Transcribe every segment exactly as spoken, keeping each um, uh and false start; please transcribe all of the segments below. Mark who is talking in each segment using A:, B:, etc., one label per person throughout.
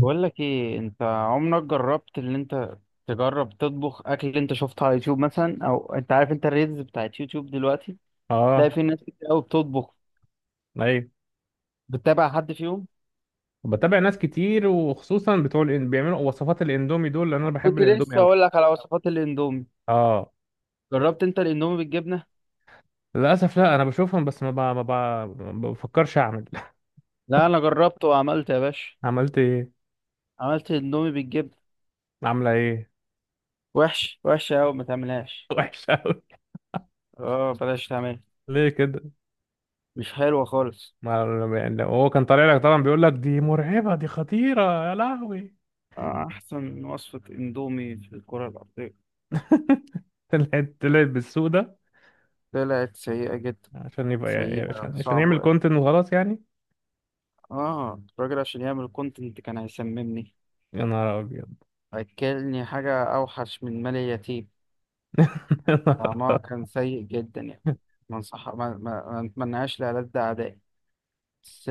A: بقول لك ايه، انت عمرك جربت ان انت تجرب تطبخ اكل اللي انت شفته على يوتيوب مثلا؟ او انت عارف انت الريلز بتاعت يوتيوب دلوقتي تلاقي
B: اه،
A: في ناس كتير قوي بتطبخ.
B: ايوه،
A: بتتابع حد فيهم؟
B: بتابع ناس كتير وخصوصا بتوع الإن... بيعملوا وصفات الاندومي دول لان انا بحب
A: كنت
B: الاندومي
A: لسه
B: قوي.
A: اقول لك على وصفات الاندومي.
B: اه،
A: جربت انت الاندومي بالجبنه؟
B: للاسف لا، انا بشوفهم بس ما ب... ما ب... ما بفكرش اعمل.
A: لا انا جربته وعملت يا باشا.
B: عملت ايه؟
A: عملت الاندومي بالجبنه.
B: عامله ايه؟
A: وحش وحش قوي، ما تعملهاش.
B: وحش قوي؟
A: اه بلاش تعمل.
B: ليه كده؟
A: مش حلوه خالص.
B: ما يعني لو هو كان طالع لك طبعا بيقول لك دي مرعبه، دي خطيره. يا لهوي!
A: آه، احسن وصفه اندومي في الكره الارضيه.
B: طلعت طلعت بالسوق ده
A: طلعت سيئه جدا.
B: عشان يبقى يعني
A: سيئه
B: عشان عشان يعمل
A: صعبه.
B: كونتنت وخلاص يعني.
A: اه الراجل عشان يعمل كونتنت كان هيسممني.
B: يا نهار ابيض!
A: اكلني حاجة اوحش من مال اليتيم.
B: يا
A: طعمها
B: نهار
A: كان سيء جدا يعني.
B: أبيض.
A: ما انصح، ما, ما, ما نتمناهاش لألد اعدائي بس.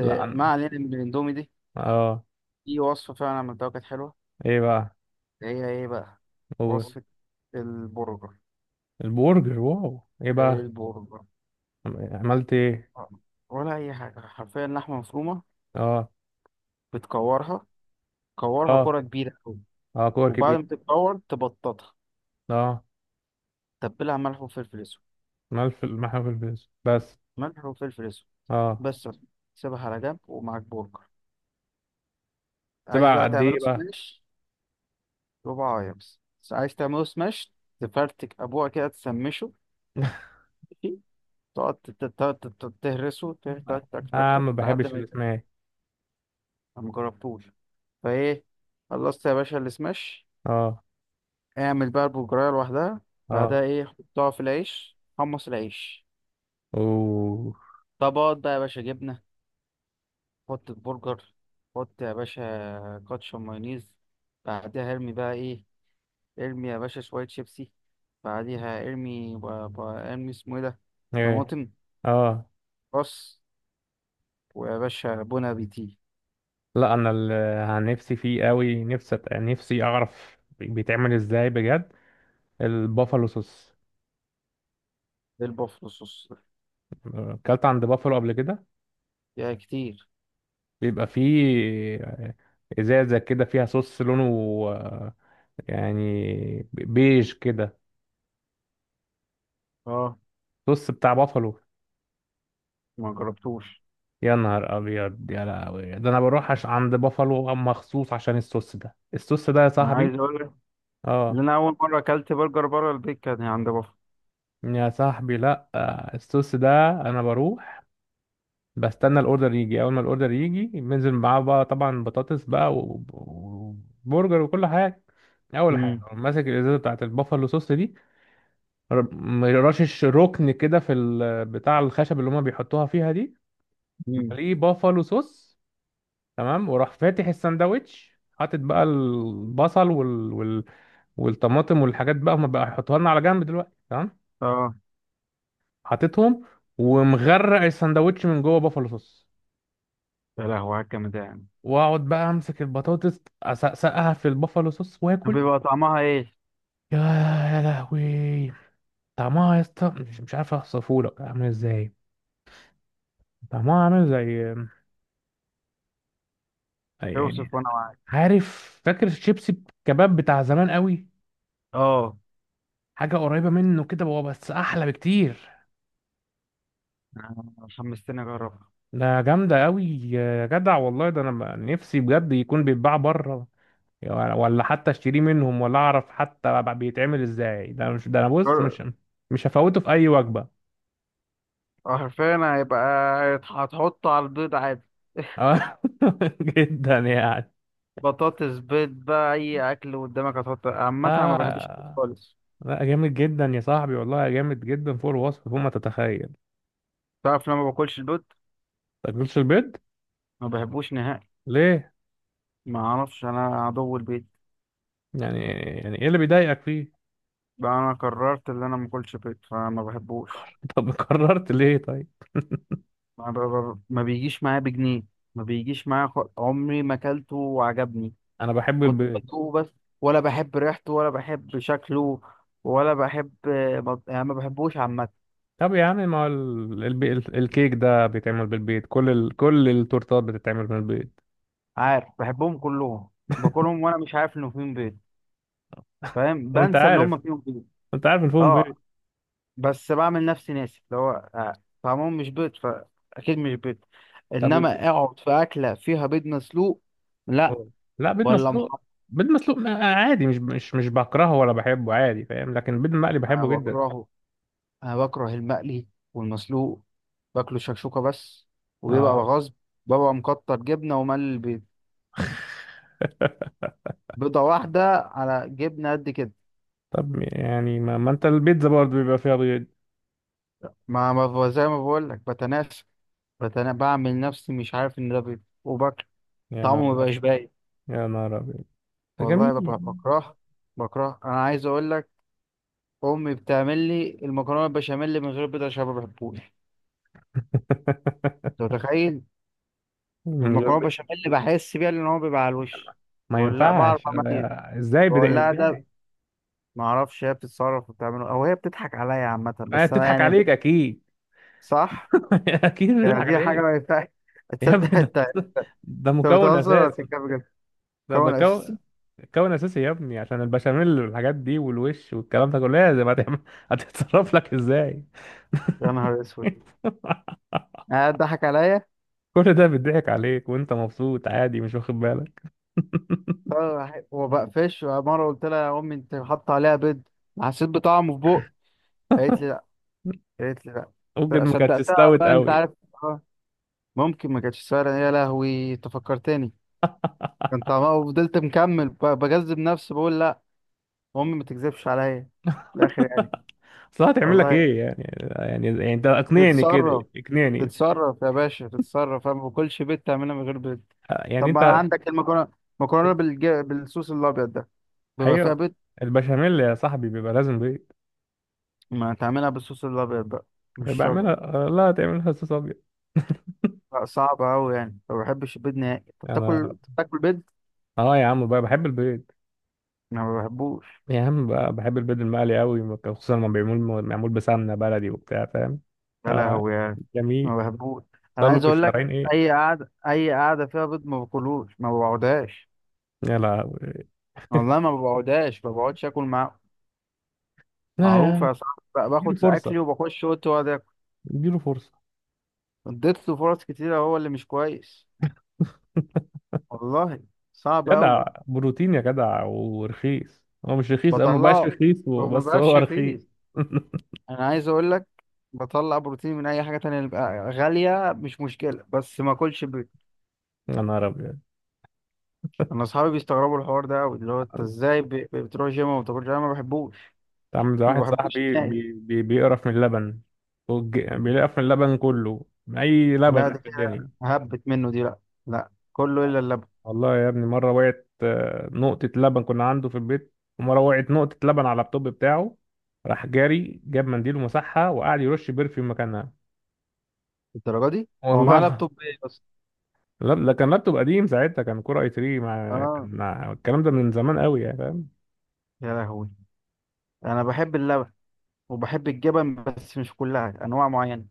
B: لا
A: ما
B: أنا-
A: علينا من الاندومي دي.
B: اه،
A: في وصفة فعلا عملتها كانت حلوة.
B: ايه بقى؟
A: هي ايه بقى؟
B: قول.
A: وصفة البرجر.
B: البرجر! واو، ايه
A: ايه
B: بقى؟
A: البرجر؟
B: عملت ايه؟
A: آه، ولا اي حاجة، حرفيا لحمة مفرومة
B: اه.
A: بتكورها. كورها
B: اه،
A: كرة كبيرة أوي،
B: اه كور
A: وبعد
B: كبير.
A: ما تتكور تبططها.
B: اه.
A: تبلها ملح وفلفل اسود.
B: ملف المحل في الفيس بس.
A: ملح وفلفل اسود
B: اه.
A: بس. سيبها على جنب، ومعاك برجر عايز
B: تبع
A: بقى
B: قد
A: تعمله
B: ايه بقى؟
A: سماش. ربع عايز. عايز تعمله سماش، تفرتك ابوها كده تسمشه، ماشي؟ تقعد تت- تت- تت- تهرسه، تك تك تك تك
B: اه،
A: تك
B: ما
A: لحد
B: بحبش
A: ما يبقى.
B: الاسماك.
A: أنا مجربتوش. فايه، خلصت يا باشا السماش.
B: اه.
A: اعمل بقى البرجرايه لوحدها.
B: اه.
A: بعدها ايه؟ حطها في العيش، حمص العيش
B: اوه.
A: طبقات بقى يا باشا. جبنه، حط البرجر، حط يا باشا كاتشب مايونيز. بعدها ارمي بقى ايه؟ ارمي يا باشا شوية شيبسي. بعديها ارمي ب... ب... ارمي اسمه ايه ده،
B: ايه.
A: طماطم.
B: اه.
A: بص، ويا باشا بون ابيتي.
B: لا، انا اللي عن نفسي فيه قوي، نفسي أت- نفسي اعرف بيتعمل ازاي بجد. البافالو صوص.
A: بالبوفلو صوص ده.
B: اكلت عند بافالو قبل كده؟
A: يا كتير.
B: بيبقى فيه آه، ازازه كده فيها صوص لونه آه، يعني بيج كده.
A: اه
B: صوص بتاع بافالو.
A: ما جربتوش.
B: يا نهار ابيض، يا لهوي، ده انا بروح عش... عند بافالو مخصوص عشان الصوص ده. الصوص ده يا
A: انا
B: صاحبي!
A: عايز اقول لك ان
B: اه.
A: انا اول مره اكلت برجر بره البيت كان عند بافلو.
B: يا صاحبي لا، آه، الصوص ده انا بروح بستنى الاوردر يجي. اول ما الاوردر يجي بنزل معاه بقى، طبعا بطاطس بقى و- وبرجر وكل حاجه. اول حاجه
A: امم.
B: أقوم ماسك الازازه بتاعت البافالو صوص دي. ر- رشش ركن كده في ال- بتاع الخشب اللي هما بيحطوها فيها دي،
A: امم.
B: مليه بافالو صوص. تمام. وراح فاتح الساندوتش، حاطط بقى البصل وال... وال... والطماطم والحاجات بقى هما بقى يحطوها لنا على جنب دلوقتي، تمام.
A: اه.
B: حاططهم ومغرق الساندوتش من جوه بافالو صوص.
A: يا لهوي على الجامد ده يعني.
B: واقعد بقى امسك البطاطس، اسقسقها في البافالو صوص
A: طب
B: واكل.
A: بيبقى طعمها ايه؟
B: يا يا لهوي! طعمها يا اسطى، مش مش عارف اوصفه لك عامل ازاي. طعمها عامل زي أي يعني.
A: اوصف وانا معاك.
B: عارف، فاكر الشيبسي الكباب بتاع زمان قوي؟
A: اه.
B: حاجه قريبه منه كده بقى، بس احلى بكتير.
A: أنا حمستني اجربها.
B: ده جامدة قوي يا جدع، والله، ده انا بقى نفسي بجد يكون بيتباع بره، ولا حتى اشتريه منهم، ولا اعرف حتى بقى بيتعمل ازاي. ده مش ده انا بص،
A: جر-
B: مش مش هفوته في اي وجبة.
A: حرفيا هيبقى. هتحط على البيض عادي؟
B: آه. جدا يعني.
A: بطاطس، بيض بقى، اي اكل قدامك هتحط. عامه انا ما
B: لا.
A: بحبش البيض خالص.
B: لا، جامد جدا يا صاحبي، والله جامد جدا، فوق الوصف، فوق ما تتخيل.
A: تعرف لما ما باكلش البيض،
B: تاكلش البيض؟
A: ما بحبوش نهائي.
B: ليه؟
A: ما اعرفش، انا عدو البيض.
B: يعني يعني ايه اللي بيضايقك فيه؟
A: بقى انا قررت ان انا ما اكلش بيض، فما بحبوش.
B: طب قررت ليه طيب؟
A: ما, ب... ب... ما بيجيش معايا بجنيه. ما بيجيش معايا. خ... عمري ما اكلته وعجبني.
B: انا بحب
A: كنت
B: البيض.
A: بدوقه بس. ولا بحب ريحته، ولا بحب شكله، ولا بحب. بط- يعني ما بحبوش عامه.
B: طب يا عم، ما هو ال- الب- ال- الكيك ده بيتعمل بالبيض، كل ال... كل التورتات بتتعمل بالبيض.
A: عارف بحبهم كلهم؟ باكلهم وانا مش عارف انه فيهم بيض. فاهم؟
B: وانت
A: بنسى اللي
B: عارف؟
A: هم فيهم بيض.
B: انت عارف الفول
A: اه
B: بيض؟
A: بس بعمل نفسي ناسي اللي هو. آه، طعمهم مش بيض فأكيد مش بيض.
B: طب الب...
A: إنما أقعد في أكلة فيها بيض مسلوق، لا.
B: أوه. لا، بيض
A: ولا
B: مسلوق؟
A: محمر.
B: بيض مسلوق ما- عادي، مش مش مش بكرهه ولا بحبه، عادي فاهم، لكن البيض المقلي
A: أنا
B: بحبه جدا.
A: بكرهه. أنا بكره المقلي والمسلوق. باكله شكشوكة بس، وبيبقى
B: اه.
A: غصب. ببقى مكتر جبنة وملي البيض، بيضة واحدة على جبنة قد كده.
B: طب يعني ما, ما انت البيتزا برضه بيبقى فيها بيض.
A: ما ما ب- زي ما بقول لك بتناسى. بتنا... بعمل نفسي مش عارف إن ده بيض وباكله.
B: يا
A: طعمه
B: نهار
A: ما
B: أبيض.
A: بقاش باين.
B: يا نهار ابيض. ده
A: والله
B: جميل.
A: ببقى بكره. بكره. أنا عايز أقول لك، امي بتعمل لي المكرونه البشاميل من غير بيض عشان ما بحبوش. انت متخيل؟
B: من غير
A: المكرونه
B: بيض؟
A: البشاميل بحس بيها لان هو بيبقى على الوش.
B: ما
A: بقول لا، بعرف
B: ينفعش!
A: اميز.
B: آه، ازاي؟
A: بقول
B: بدا
A: لها ده.
B: ازاي؟
A: ما اعرفش هي بتتصرف وبتعمله، او هي بتضحك عليا. عامه
B: آه،
A: بس انا
B: بتضحك
A: يعني.
B: عليك اكيد.
A: صح.
B: اكيد
A: يعني
B: بتضحك
A: دي حاجه ما
B: عليك.
A: ينفعش.
B: يا
A: تصدق
B: ابني،
A: انت؟
B: ده ده
A: انت
B: مكون
A: بتهزر ولا
B: اساسي.
A: بتتكلم بجد؟
B: ده
A: كون
B: مكون،
A: اساسي.
B: مكون اساسي يا ابني، عشان البشاميل والحاجات دي والوش والكلام ده كله لازم. هتعمل؟ هتتصرف لك ازاي؟
A: يا نهار اسود. قاعد ضحك عليا.
B: كل ده بيضحك عليك وانت مبسوط عادي، مش واخد بالك.
A: وبقفش مره قلت لها، يا امي انت حاطه عليها بيض؟ حسيت بطعمه في بق. قالت لي، قالت لي لا.
B: ممكن
A: ف-
B: ما كانتش
A: صدقتها
B: استوت
A: بقى، انت
B: قوي.
A: عارف. اه ممكن ما كانتش سهله. يا لهوي انت فكرتني. كان طعمها، وفضلت مكمل ب- بجذب نفسي بقول لا. امي ما تكذبش عليا في الاخر يعني.
B: اصل هتعمل لك
A: والله.
B: ايه يعني؟ يعني يعني انت اقنعني كده.
A: تتصرف.
B: اقنعني.
A: تتصرف يا باشا تتصرف. انا ما باكلش بيض، تعملها من غير بيض.
B: يعني
A: طب ما انا
B: انت.
A: عندك المكرونه، مكرونه بالج... بالصوص الابيض ده بيبقى فيها
B: ايوه.
A: بيض.
B: البشاميل يا صاحبي بيبقى لازم بيض.
A: ما تعملها بالصوص الابيض بقى، مش شرط.
B: بعملها. لا، تعملها صوص ابيض؟
A: لا صعب قوي يعني، ما بحبش البيض نهائي. انت
B: انا؟
A: بتاكل بتاكل بيض؟
B: اه يا عم بقى بحب البيض.
A: انا ما بحبوش.
B: يا عم، ب- بحب البيض المقلي قوي، خصوصا لما بيعمل معمول بسمنه بلدي وبتاع فاهم.
A: يا
B: آه.
A: لهوي يعني.
B: جميل.
A: ما بحبوش. انا
B: صلوا
A: عايز
B: في
A: اقول
B: الشرايين
A: لك،
B: ايه.
A: اي قعده، اي قعده فيها بيض ما باكلوش، ما بقعدهاش.
B: يا لا.
A: والله ما بقعدهاش، ما بقعدش اكل معاه.
B: لا يا
A: معروف
B: عم.
A: يا صاحبي بقى،
B: اديله
A: باخد
B: فرصه.
A: ساعتلي وبخش اوضتي واقعد اكل.
B: اديله فرصه.
A: اديت له فرص كتيره، هو اللي مش كويس. والله صعب قوي.
B: جدع بروتين يا جدع، ورخيص. هو مش رخيص، او ما بقاش
A: بطلعه.
B: رخيص،
A: هو ما
B: بس هو
A: بقاش
B: رخيص.
A: رخيص. انا عايز اقول لك، بطلع بروتين من اي حاجه تانية، اللي بقى غاليه مش مشكله بس ما اكلش بيض.
B: يا نهار ابيض.
A: انا اصحابي بيستغربوا الحوار ده قوي، اللي هو انت ازاي ب- ب- بتروح جيم وما بتاكلش؟ انا ما بحبوش.
B: انت عامل زي
A: ما
B: واحد
A: بحبوش
B: صاحبي
A: نهائي.
B: بي بي بيقرف من اللبن. والج- بيقرف من اللبن كله، من اي
A: لا
B: لبن
A: ده
B: في
A: كده
B: الدنيا.
A: هبت منه دي. لا، لا، كله الا اللبن.
B: والله يا ابني، مرة وقعت آه، نقطة لبن كنا عنده في البيت، ومرة وقعت نقطة لبن على اللابتوب بتاعه. راح جاري جاب منديل ومسحها وقعد يرش برفيوم مكانها.
A: الدرجه دي؟
B: والله
A: هو معاه
B: العظيم.
A: لابتوب ايه بس؟
B: لا، ده كان لابتوب قديم ساعتها، كان كور اي ثري، مع كان
A: اه.
B: مع- الكلام ده من زمان قوي يعني فاهم.
A: يا لهوي. انا بحب اللبن وبحب الجبن، بس مش كلها، انواع معينه.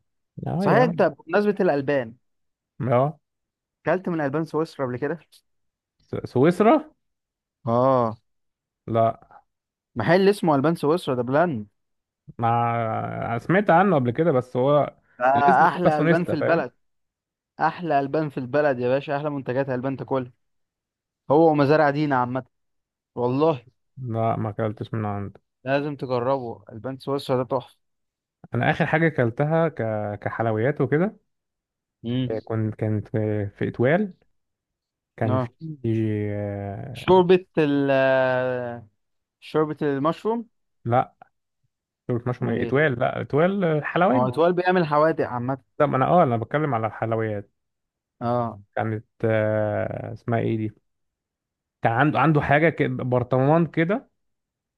B: اه
A: صحيح،
B: يا
A: انت
B: عم.
A: بمناسبه الالبان،
B: اه.
A: اكلت من البان سويسرا قبل كده؟
B: س- سويسرا؟
A: اه.
B: لا.
A: محل اسمه البان سويسرا، ده بلاند.
B: مع سمعت عنه قبل كده، بس هو
A: ده
B: الاسم شبه
A: احلى البان في
B: سونيستا فاهم.
A: البلد. احلى البان في البلد يا باشا، احلى منتجات البان تاكلها. هو ومزارع دينا عامه. والله
B: لا، ما اكلتش من عنده.
A: لازم تجربه، البان سويسرا ده تحفه.
B: انا اخر حاجه اكلتها ك... كحلويات وكده. كنت كانت في اتوال. كان
A: امم.
B: في آه،
A: شوربة ال، شوربة المشروم.
B: لا، دول مشهم
A: امال
B: ايه،
A: ايه؟
B: اتوال؟ لا، اتوال آه، حلواني.
A: هو اتوال بيعمل حوادق عامة؟
B: لا، ما انا اه انا بتكلم على الحلويات.
A: اه.
B: كانت آه، اسمها ايه دي؟ كان عنده عنده حاجه كده، برطمان كده،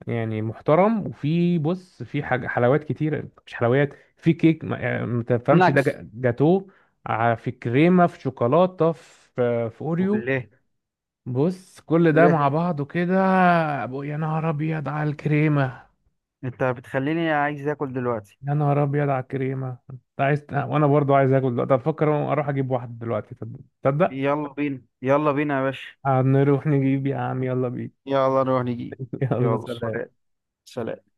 B: يعني محترم، وفي، بص، في حاجه، حلويات كتير، مش حلويات، في كيك، ما يعني، ما تفهمش ده،
A: نكس.
B: جا- جاتوه. ع- في كريمه، في شوكولاته، في آه، في اوريو.
A: وليه؟
B: بص، كل ده مع
A: ليه؟
B: بعضه كده. أبو- يا نهار ابيض على الكريمه.
A: انت بتخليني عايز اكل دلوقتي.
B: يا نهار ابيض على الكريمه. انت عايز وانا برضو عايز اكل دلوقتي. افكر اروح اجيب واحده دلوقتي، تصدق؟ تصدق؟
A: يلا بينا، يلا بينا يا باشا.
B: آه، نروح نجيب، يا عم يلا بينا.
A: يلا نروح نجيب.
B: يلا
A: يلا
B: سلام.
A: سلام. سلام.